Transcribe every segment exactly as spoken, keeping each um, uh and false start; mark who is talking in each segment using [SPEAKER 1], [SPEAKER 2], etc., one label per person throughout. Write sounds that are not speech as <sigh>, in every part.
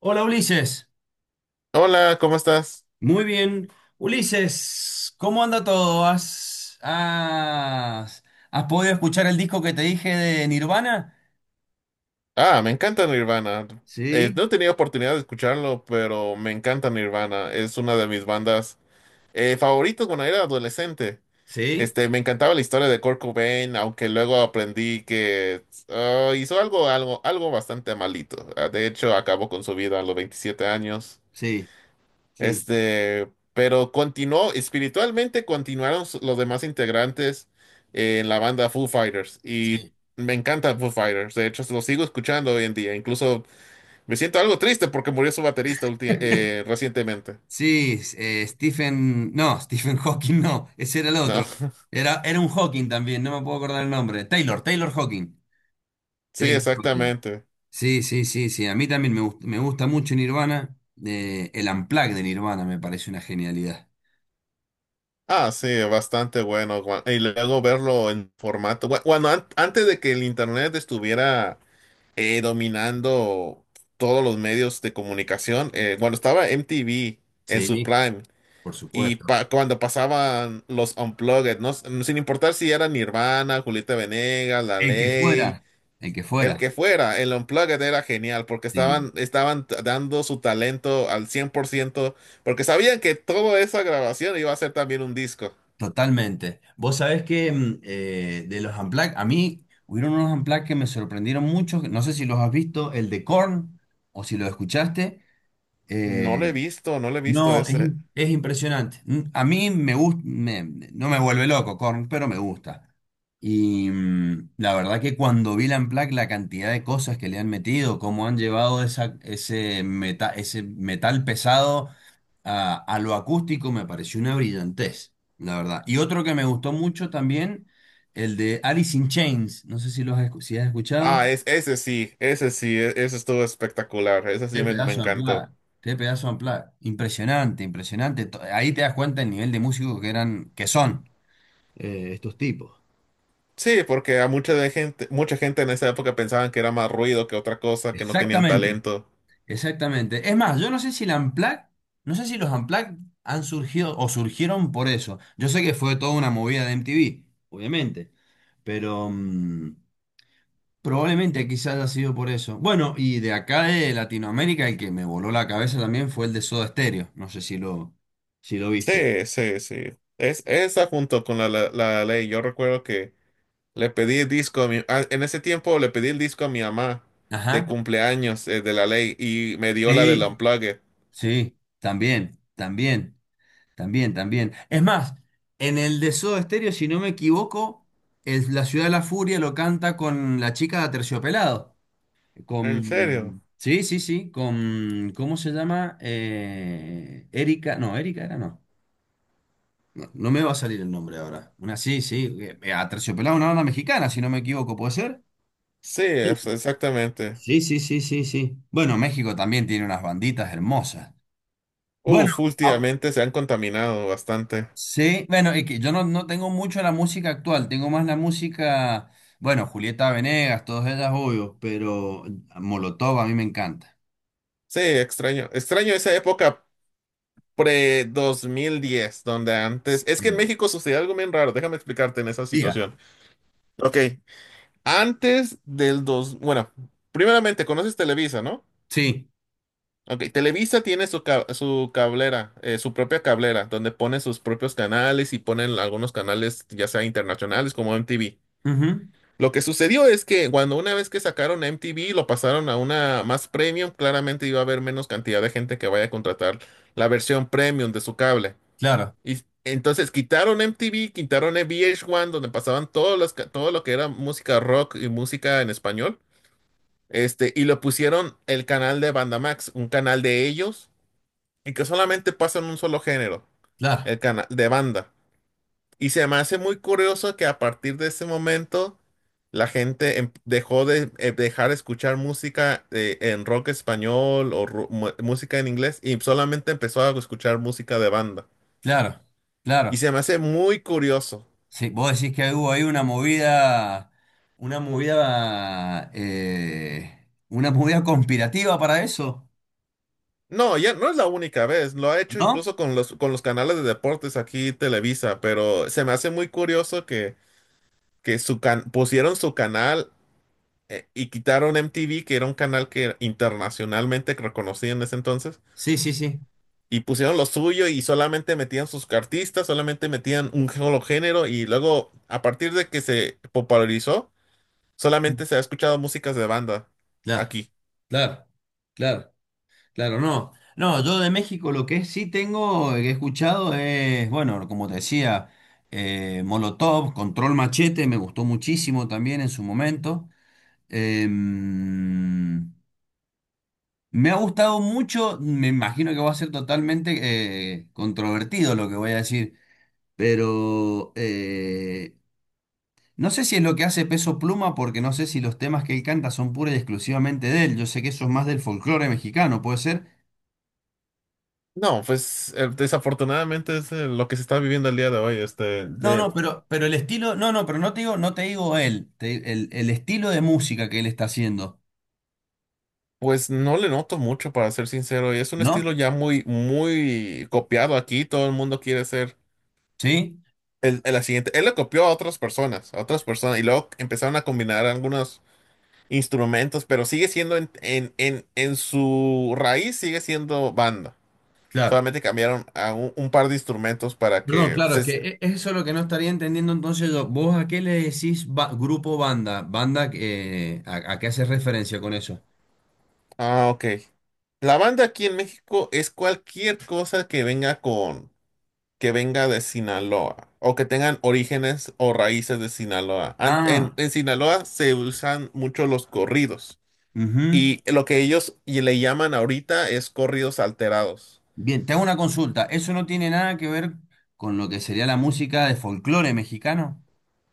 [SPEAKER 1] Hola Ulises,
[SPEAKER 2] Hola, ¿cómo estás?
[SPEAKER 1] muy bien. Ulises, ¿cómo anda todo? ¿Has, has, Has podido escuchar el disco que te dije de Nirvana?
[SPEAKER 2] Ah, me encanta Nirvana. Eh,
[SPEAKER 1] Sí.
[SPEAKER 2] no he tenido oportunidad de escucharlo, pero me encanta Nirvana. Es una de mis bandas eh, favoritas cuando era adolescente.
[SPEAKER 1] Sí,
[SPEAKER 2] Este, me encantaba la historia de Kurt Cobain, aunque luego aprendí que ah, hizo algo, algo, algo bastante malito. Ah, De hecho, acabó con su vida a los veintisiete años.
[SPEAKER 1] sí, sí.
[SPEAKER 2] Este, pero continuó, espiritualmente continuaron s- los demás integrantes eh, en la banda Foo Fighters. Y
[SPEAKER 1] sí.
[SPEAKER 2] me encanta Foo Fighters. De hecho, lo sigo escuchando hoy en día. Incluso me siento algo triste porque murió su baterista ulti- eh, recientemente.
[SPEAKER 1] Sí, eh, Stephen, no, <laughs> Stephen Hawking no, ese era el
[SPEAKER 2] No,
[SPEAKER 1] otro.
[SPEAKER 2] <laughs>
[SPEAKER 1] Era, era un Hawking también, no me puedo acordar el nombre. Taylor, Taylor Hawking.
[SPEAKER 2] sí,
[SPEAKER 1] Taylor Hawking.
[SPEAKER 2] exactamente.
[SPEAKER 1] Sí, sí, sí, sí. A mí también me gusta, me gusta mucho Nirvana. Eh, el Unplugged de Nirvana me parece una genialidad.
[SPEAKER 2] Ah, sí, bastante bueno. gua- Y luego verlo en formato. gua- Bueno, an- antes de que el internet estuviera eh, dominando todos los medios de comunicación, eh, cuando estaba M T V en su
[SPEAKER 1] Sí,
[SPEAKER 2] prime.
[SPEAKER 1] por
[SPEAKER 2] Y
[SPEAKER 1] supuesto.
[SPEAKER 2] pa- cuando pasaban los Unplugged, ¿no? Sin importar si era Nirvana, Julieta Venegas, La
[SPEAKER 1] El que
[SPEAKER 2] Ley,
[SPEAKER 1] fuera, el que
[SPEAKER 2] el
[SPEAKER 1] fuera,
[SPEAKER 2] que fuera, el Unplugged era genial porque
[SPEAKER 1] sí,
[SPEAKER 2] estaban, estaban t- dando su talento al cien por ciento porque sabían que toda esa grabación iba a ser también un disco.
[SPEAKER 1] totalmente. Vos sabés que mm, eh, de los Unplugged, a mí hubieron unos Unplugged que me sorprendieron mucho, que no sé si los has visto, el de Korn, o si lo escuchaste. eh,
[SPEAKER 2] No lo he visto, no lo he visto
[SPEAKER 1] no, es,
[SPEAKER 2] ese.
[SPEAKER 1] im- es impresionante. Mm, A mí me gusta, no me vuelve loco Korn, pero me gusta. Y mm, la verdad que cuando vi la Unplugged, la cantidad de cosas que le han metido, cómo han llevado esa, ese, meta- ese metal pesado a, a lo acústico me pareció una brillantez, la verdad. Y otro que me gustó mucho también, el de Alice in Chains. No sé si lo has, escu- si has escuchado.
[SPEAKER 2] Ah, es, ese sí, ese sí, e- ese estuvo espectacular, ese sí
[SPEAKER 1] Qué
[SPEAKER 2] me, me
[SPEAKER 1] pedazo de unplugged,
[SPEAKER 2] encantó.
[SPEAKER 1] qué pedazo de unplugged. Impresionante, impresionante. To- Ahí te das cuenta el nivel de músicos que eran, que son. Eh, estos tipos.
[SPEAKER 2] Sí, porque a mucha de gente, mucha gente en esa época pensaban que era más ruido que otra cosa, que no tenían
[SPEAKER 1] Exactamente,
[SPEAKER 2] talento.
[SPEAKER 1] exactamente. Es más, yo no sé si la Unplugged, no sé si los Unplugged han surgido o surgieron por eso. Yo sé que fue toda una movida de M T V, obviamente, pero mm, probablemente quizás haya sido por eso. Bueno, y de acá de Latinoamérica, el que me voló la cabeza también fue el de Soda Stereo. No sé si lo, si lo viste.
[SPEAKER 2] Sí, sí, sí. Es esa junto con la, la, la ley. Yo recuerdo que le pedí el disco a mi... ah, en ese tiempo le pedí el disco a mi mamá de
[SPEAKER 1] Ajá.
[SPEAKER 2] cumpleaños eh, de la ley y me dio la del
[SPEAKER 1] Sí,
[SPEAKER 2] Unplugged.
[SPEAKER 1] sí, también, también, también, también. Es más, en el de Soda Stereo, si no me equivoco, es la Ciudad de la Furia lo canta con la chica de Aterciopelado.
[SPEAKER 2] ¿En serio?
[SPEAKER 1] Con. Sí, sí, sí. Con. ¿Cómo se llama? Eh, Erika. No, Erika era no. No, no me va a salir el nombre ahora. Una sí, sí. eh, eh, Aterciopelado, una banda mexicana, si no me equivoco, ¿puede ser?
[SPEAKER 2] Sí, es-
[SPEAKER 1] Sí,
[SPEAKER 2] exactamente.
[SPEAKER 1] sí, sí, sí, sí, sí. Bueno, México también tiene unas banditas hermosas. Bueno,
[SPEAKER 2] Uf,
[SPEAKER 1] ah,
[SPEAKER 2] últimamente se han contaminado bastante.
[SPEAKER 1] sí, bueno, es que yo no, no tengo mucho la música actual, tengo más la música, bueno, Julieta Venegas, todas ellas, obvio, pero Molotov a mí me encanta.
[SPEAKER 2] Sí, extraño. Extraño esa época pre dos mil diez donde antes. Es que en
[SPEAKER 1] Sí.
[SPEAKER 2] México sucedió algo bien raro. Déjame explicarte en esa
[SPEAKER 1] Diga.
[SPEAKER 2] situación. Ok. Antes del dos, bueno, primeramente conoces Televisa, ¿no?
[SPEAKER 1] Sí.
[SPEAKER 2] Ok, Televisa tiene su, ca- su cablera, eh, su propia cablera, donde pone sus propios canales y ponen algunos canales, ya sea internacionales como M T V.
[SPEAKER 1] Ujú.
[SPEAKER 2] Lo que sucedió es que cuando una vez que sacaron M T V, lo pasaron a una más premium, claramente iba a haber menos cantidad de gente que vaya a contratar la versión premium de su cable.
[SPEAKER 1] Claro,
[SPEAKER 2] Y entonces quitaron M T V, quitaron V H uno, donde pasaban todas las ca- todo lo que era música rock y música en español. Este, y lo pusieron el canal de Banda Max, un canal de ellos, y que solamente pasan un solo género,
[SPEAKER 1] claro,
[SPEAKER 2] el canal de banda. Y se me hace muy curioso que a partir de ese momento la gente em- dejó de eh, dejar escuchar música eh, en rock español o ru- mu- música en inglés y solamente empezó a escuchar música de banda.
[SPEAKER 1] claro,
[SPEAKER 2] Y
[SPEAKER 1] claro.
[SPEAKER 2] se me hace muy curioso.
[SPEAKER 1] Sí, vos decís que hubo ahí una movida, una movida, eh, una movida conspirativa para eso,
[SPEAKER 2] No, ya no es la única vez, lo ha hecho
[SPEAKER 1] ¿no?
[SPEAKER 2] incluso con los, con los canales de deportes aquí Televisa, pero se me hace muy curioso que que su can- pusieron su canal eh, y quitaron M T V, que era un canal que era internacionalmente reconocido en ese entonces,
[SPEAKER 1] Sí, sí, sí.
[SPEAKER 2] y pusieron lo suyo y solamente metían sus artistas, solamente metían un solo género y luego a partir de que se popularizó, solamente se ha escuchado músicas de banda
[SPEAKER 1] Claro,
[SPEAKER 2] aquí.
[SPEAKER 1] claro, claro, claro, no. No, yo de México lo que sí tengo, eh, que he escuchado es, bueno, como te decía, eh, Molotov, Control Machete, me gustó muchísimo también en su momento. Eh, Me ha gustado mucho, me imagino que va a ser totalmente eh, controvertido lo que voy a decir, pero eh, no sé si es lo que hace Peso Pluma, porque no sé si los temas que él canta son pura y exclusivamente de él. Yo sé que eso es más del folclore mexicano, ¿puede ser?
[SPEAKER 2] No, pues eh, desafortunadamente es eh, lo que se está viviendo el día de hoy, este,
[SPEAKER 1] No,
[SPEAKER 2] de-
[SPEAKER 1] no, pero, pero el estilo, no, no, pero no te digo, no te digo él, te- el, el estilo de música que él está haciendo,
[SPEAKER 2] pues no le noto mucho, para ser sincero, y es un
[SPEAKER 1] ¿no?
[SPEAKER 2] estilo ya muy, muy copiado aquí, todo el mundo quiere ser
[SPEAKER 1] ¿Sí?
[SPEAKER 2] el- el- la siguiente, él lo copió a otras personas, a otras personas, y luego empezaron a combinar algunos instrumentos, pero sigue siendo en, en, en, en su raíz, sigue siendo banda.
[SPEAKER 1] Claro.
[SPEAKER 2] Solamente cambiaron a un, un par de instrumentos para
[SPEAKER 1] Perdón,
[SPEAKER 2] que.
[SPEAKER 1] claro, es
[SPEAKER 2] Se-
[SPEAKER 1] que
[SPEAKER 2] se-
[SPEAKER 1] e- eso es lo que no estaría entendiendo entonces yo. ¿Vos a qué le decís ba- grupo banda? ¿Banda eh, a, a qué haces referencia con eso?
[SPEAKER 2] ah, ok. La banda aquí en México es cualquier cosa que venga con, que venga de Sinaloa o que tengan orígenes o raíces de Sinaloa. Ant- En,
[SPEAKER 1] Ah,
[SPEAKER 2] en Sinaloa se usan mucho los corridos.
[SPEAKER 1] ujú.
[SPEAKER 2] Y lo que ellos y le llaman ahorita es corridos alterados.
[SPEAKER 1] Bien, te hago una consulta. ¿Eso no tiene nada que ver con lo que sería la música de folclore mexicano?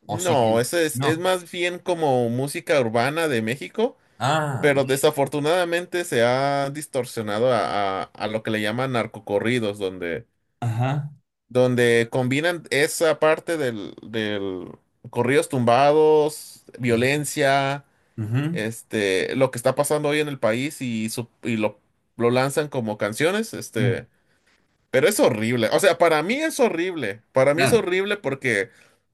[SPEAKER 1] ¿O sí tiene?
[SPEAKER 2] No, ese es, es
[SPEAKER 1] No.
[SPEAKER 2] más bien como música urbana de México,
[SPEAKER 1] Ah,
[SPEAKER 2] pero
[SPEAKER 1] bien.
[SPEAKER 2] desafortunadamente se ha distorsionado a, a- a lo que le llaman narcocorridos, donde,
[SPEAKER 1] Ajá.
[SPEAKER 2] donde combinan esa parte del, del corridos tumbados,
[SPEAKER 1] Ujú,
[SPEAKER 2] violencia,
[SPEAKER 1] ujú,
[SPEAKER 2] este, lo que está pasando hoy en el país y, su- y lo, lo lanzan como canciones,
[SPEAKER 1] ujú.
[SPEAKER 2] este. Pero es horrible. O sea, para mí es horrible. Para mí es
[SPEAKER 1] Claro.
[SPEAKER 2] horrible porque,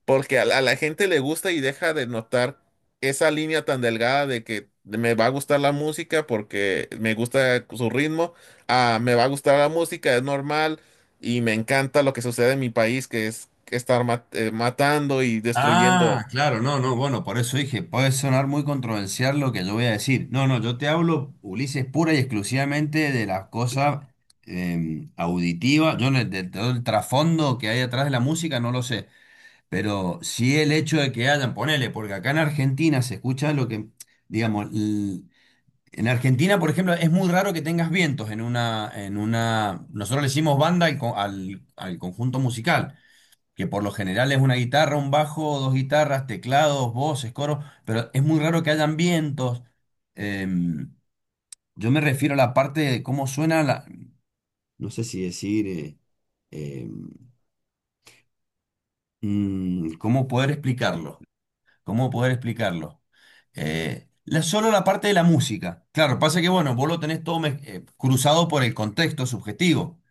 [SPEAKER 2] porque a la, a la gente le gusta y deja de notar esa línea tan delgada de que me va a gustar la música porque me gusta su ritmo, ah, me va a gustar la música, es normal y me encanta lo que sucede en mi país, que es estar mat- eh, matando y
[SPEAKER 1] Ah,
[SPEAKER 2] destruyendo.
[SPEAKER 1] claro, no, no, bueno, por eso dije, puede sonar muy controversial lo que yo voy a decir. No, no, yo te hablo, Ulises, pura y exclusivamente de las cosas eh, auditivas. Yo no- De todo el trasfondo que hay atrás de la música no lo sé, pero sí el hecho de que hayan, ponele, porque acá en Argentina se escucha lo que, digamos, l- en Argentina, por ejemplo, es muy raro que tengas vientos en una, en una, nosotros le decimos banda al, co- al al conjunto musical que por lo general es una guitarra, un bajo, dos guitarras, teclados, voces, coros, pero es muy raro que hayan vientos. Em, yo me refiero a la parte de cómo suena la... No sé si decir... eh, eh, mm, ¿cómo poder explicarlo? ¿Cómo poder explicarlo? Eh, la, solo la parte de la música. Claro, pasa que, bueno, vos lo tenés todo mez- eh, cruzado por el contexto subjetivo.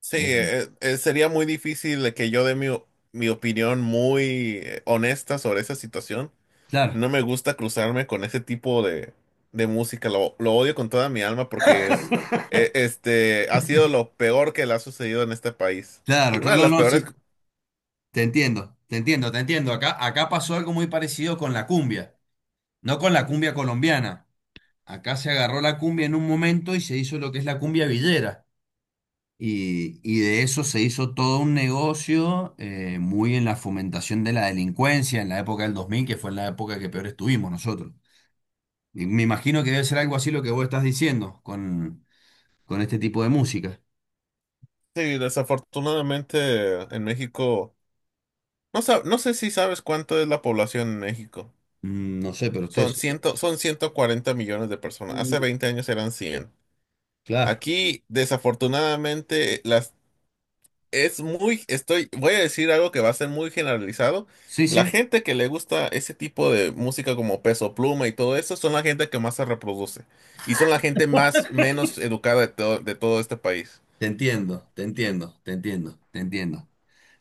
[SPEAKER 2] Sí,
[SPEAKER 1] Eh,
[SPEAKER 2] eh, eh, sería muy difícil de que yo dé mi, o- mi opinión muy eh, honesta sobre esa situación.
[SPEAKER 1] claro,
[SPEAKER 2] No me gusta cruzarme con ese tipo de, de música. Lo, lo odio con toda mi alma porque es, e- este, ha sido lo peor que le ha sucedido en este país.
[SPEAKER 1] claro,
[SPEAKER 2] Una
[SPEAKER 1] claro,
[SPEAKER 2] de
[SPEAKER 1] no,
[SPEAKER 2] las
[SPEAKER 1] no,
[SPEAKER 2] peores.
[SPEAKER 1] sí, te entiendo, te entiendo, te entiendo. Acá, acá pasó algo muy parecido con la cumbia. No con la cumbia colombiana. Acá se agarró la cumbia en un momento y se hizo lo que es la cumbia villera. Y, y de eso se hizo todo un negocio eh, muy en la fomentación de la delincuencia en la época del dos mil que fue en la época que peor estuvimos nosotros. Y me imagino que debe ser algo así lo que vos estás diciendo con, con este tipo de música.
[SPEAKER 2] Sí, desafortunadamente en México, no sab- no sé si sabes cuánto es la población en México.
[SPEAKER 1] Mm, no sé, pero
[SPEAKER 2] Son
[SPEAKER 1] ustedes...
[SPEAKER 2] ciento, son ciento cuarenta millones de personas. Hace
[SPEAKER 1] Mm.
[SPEAKER 2] veinte años eran cien.
[SPEAKER 1] Claro.
[SPEAKER 2] Aquí, desafortunadamente, la Es muy, estoy, voy a decir algo que va a ser muy generalizado.
[SPEAKER 1] Sí,
[SPEAKER 2] La
[SPEAKER 1] sí.
[SPEAKER 2] gente que le gusta ese tipo de música como Peso Pluma y todo eso son la gente que más se reproduce y son la gente más menos educada de todo, de todo este país.
[SPEAKER 1] Te entiendo, te entiendo, te entiendo, te entiendo.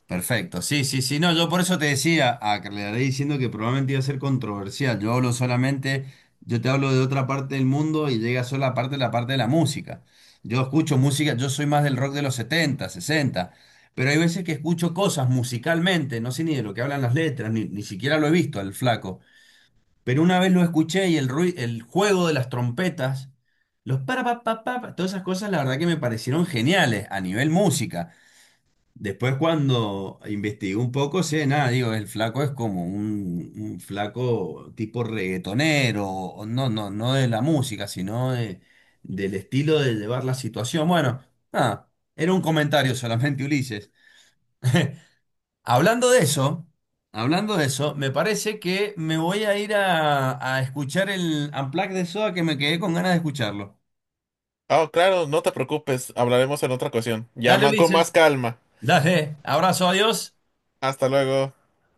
[SPEAKER 1] Perfecto, sí, sí, sí, no, yo por eso te decía, a que le haré diciendo que probablemente iba a ser controversial, yo hablo solamente, yo te hablo de otra parte del mundo y llega solo la parte, la parte de la música. Yo escucho música, yo soy más del rock de los setenta, sesenta, pero hay veces que escucho cosas musicalmente, no sé ni de lo que hablan las letras, ni, ni siquiera lo he visto al flaco, pero una vez lo escuché y el ruido, el juego de las trompetas, los para, pa, pa, pa, pa, todas esas cosas la verdad que me parecieron geniales a nivel música. Después cuando investigué un poco, sí, nada, digo, el flaco es como un, un flaco tipo reggaetonero, o no, no, no de la música, sino de- del estilo de llevar la situación. Bueno, nada, era un comentario solamente, Ulises. <laughs> Hablando de eso, hablando de eso, me parece que me voy a ir a, a escuchar el Unplugged de Soda que me quedé con ganas de escucharlo.
[SPEAKER 2] Ah, claro, no te preocupes, hablaremos en otra ocasión.
[SPEAKER 1] Dale,
[SPEAKER 2] Llama con más
[SPEAKER 1] Ulises,
[SPEAKER 2] calma.
[SPEAKER 1] dale, abrazo, adiós.
[SPEAKER 2] Hasta luego.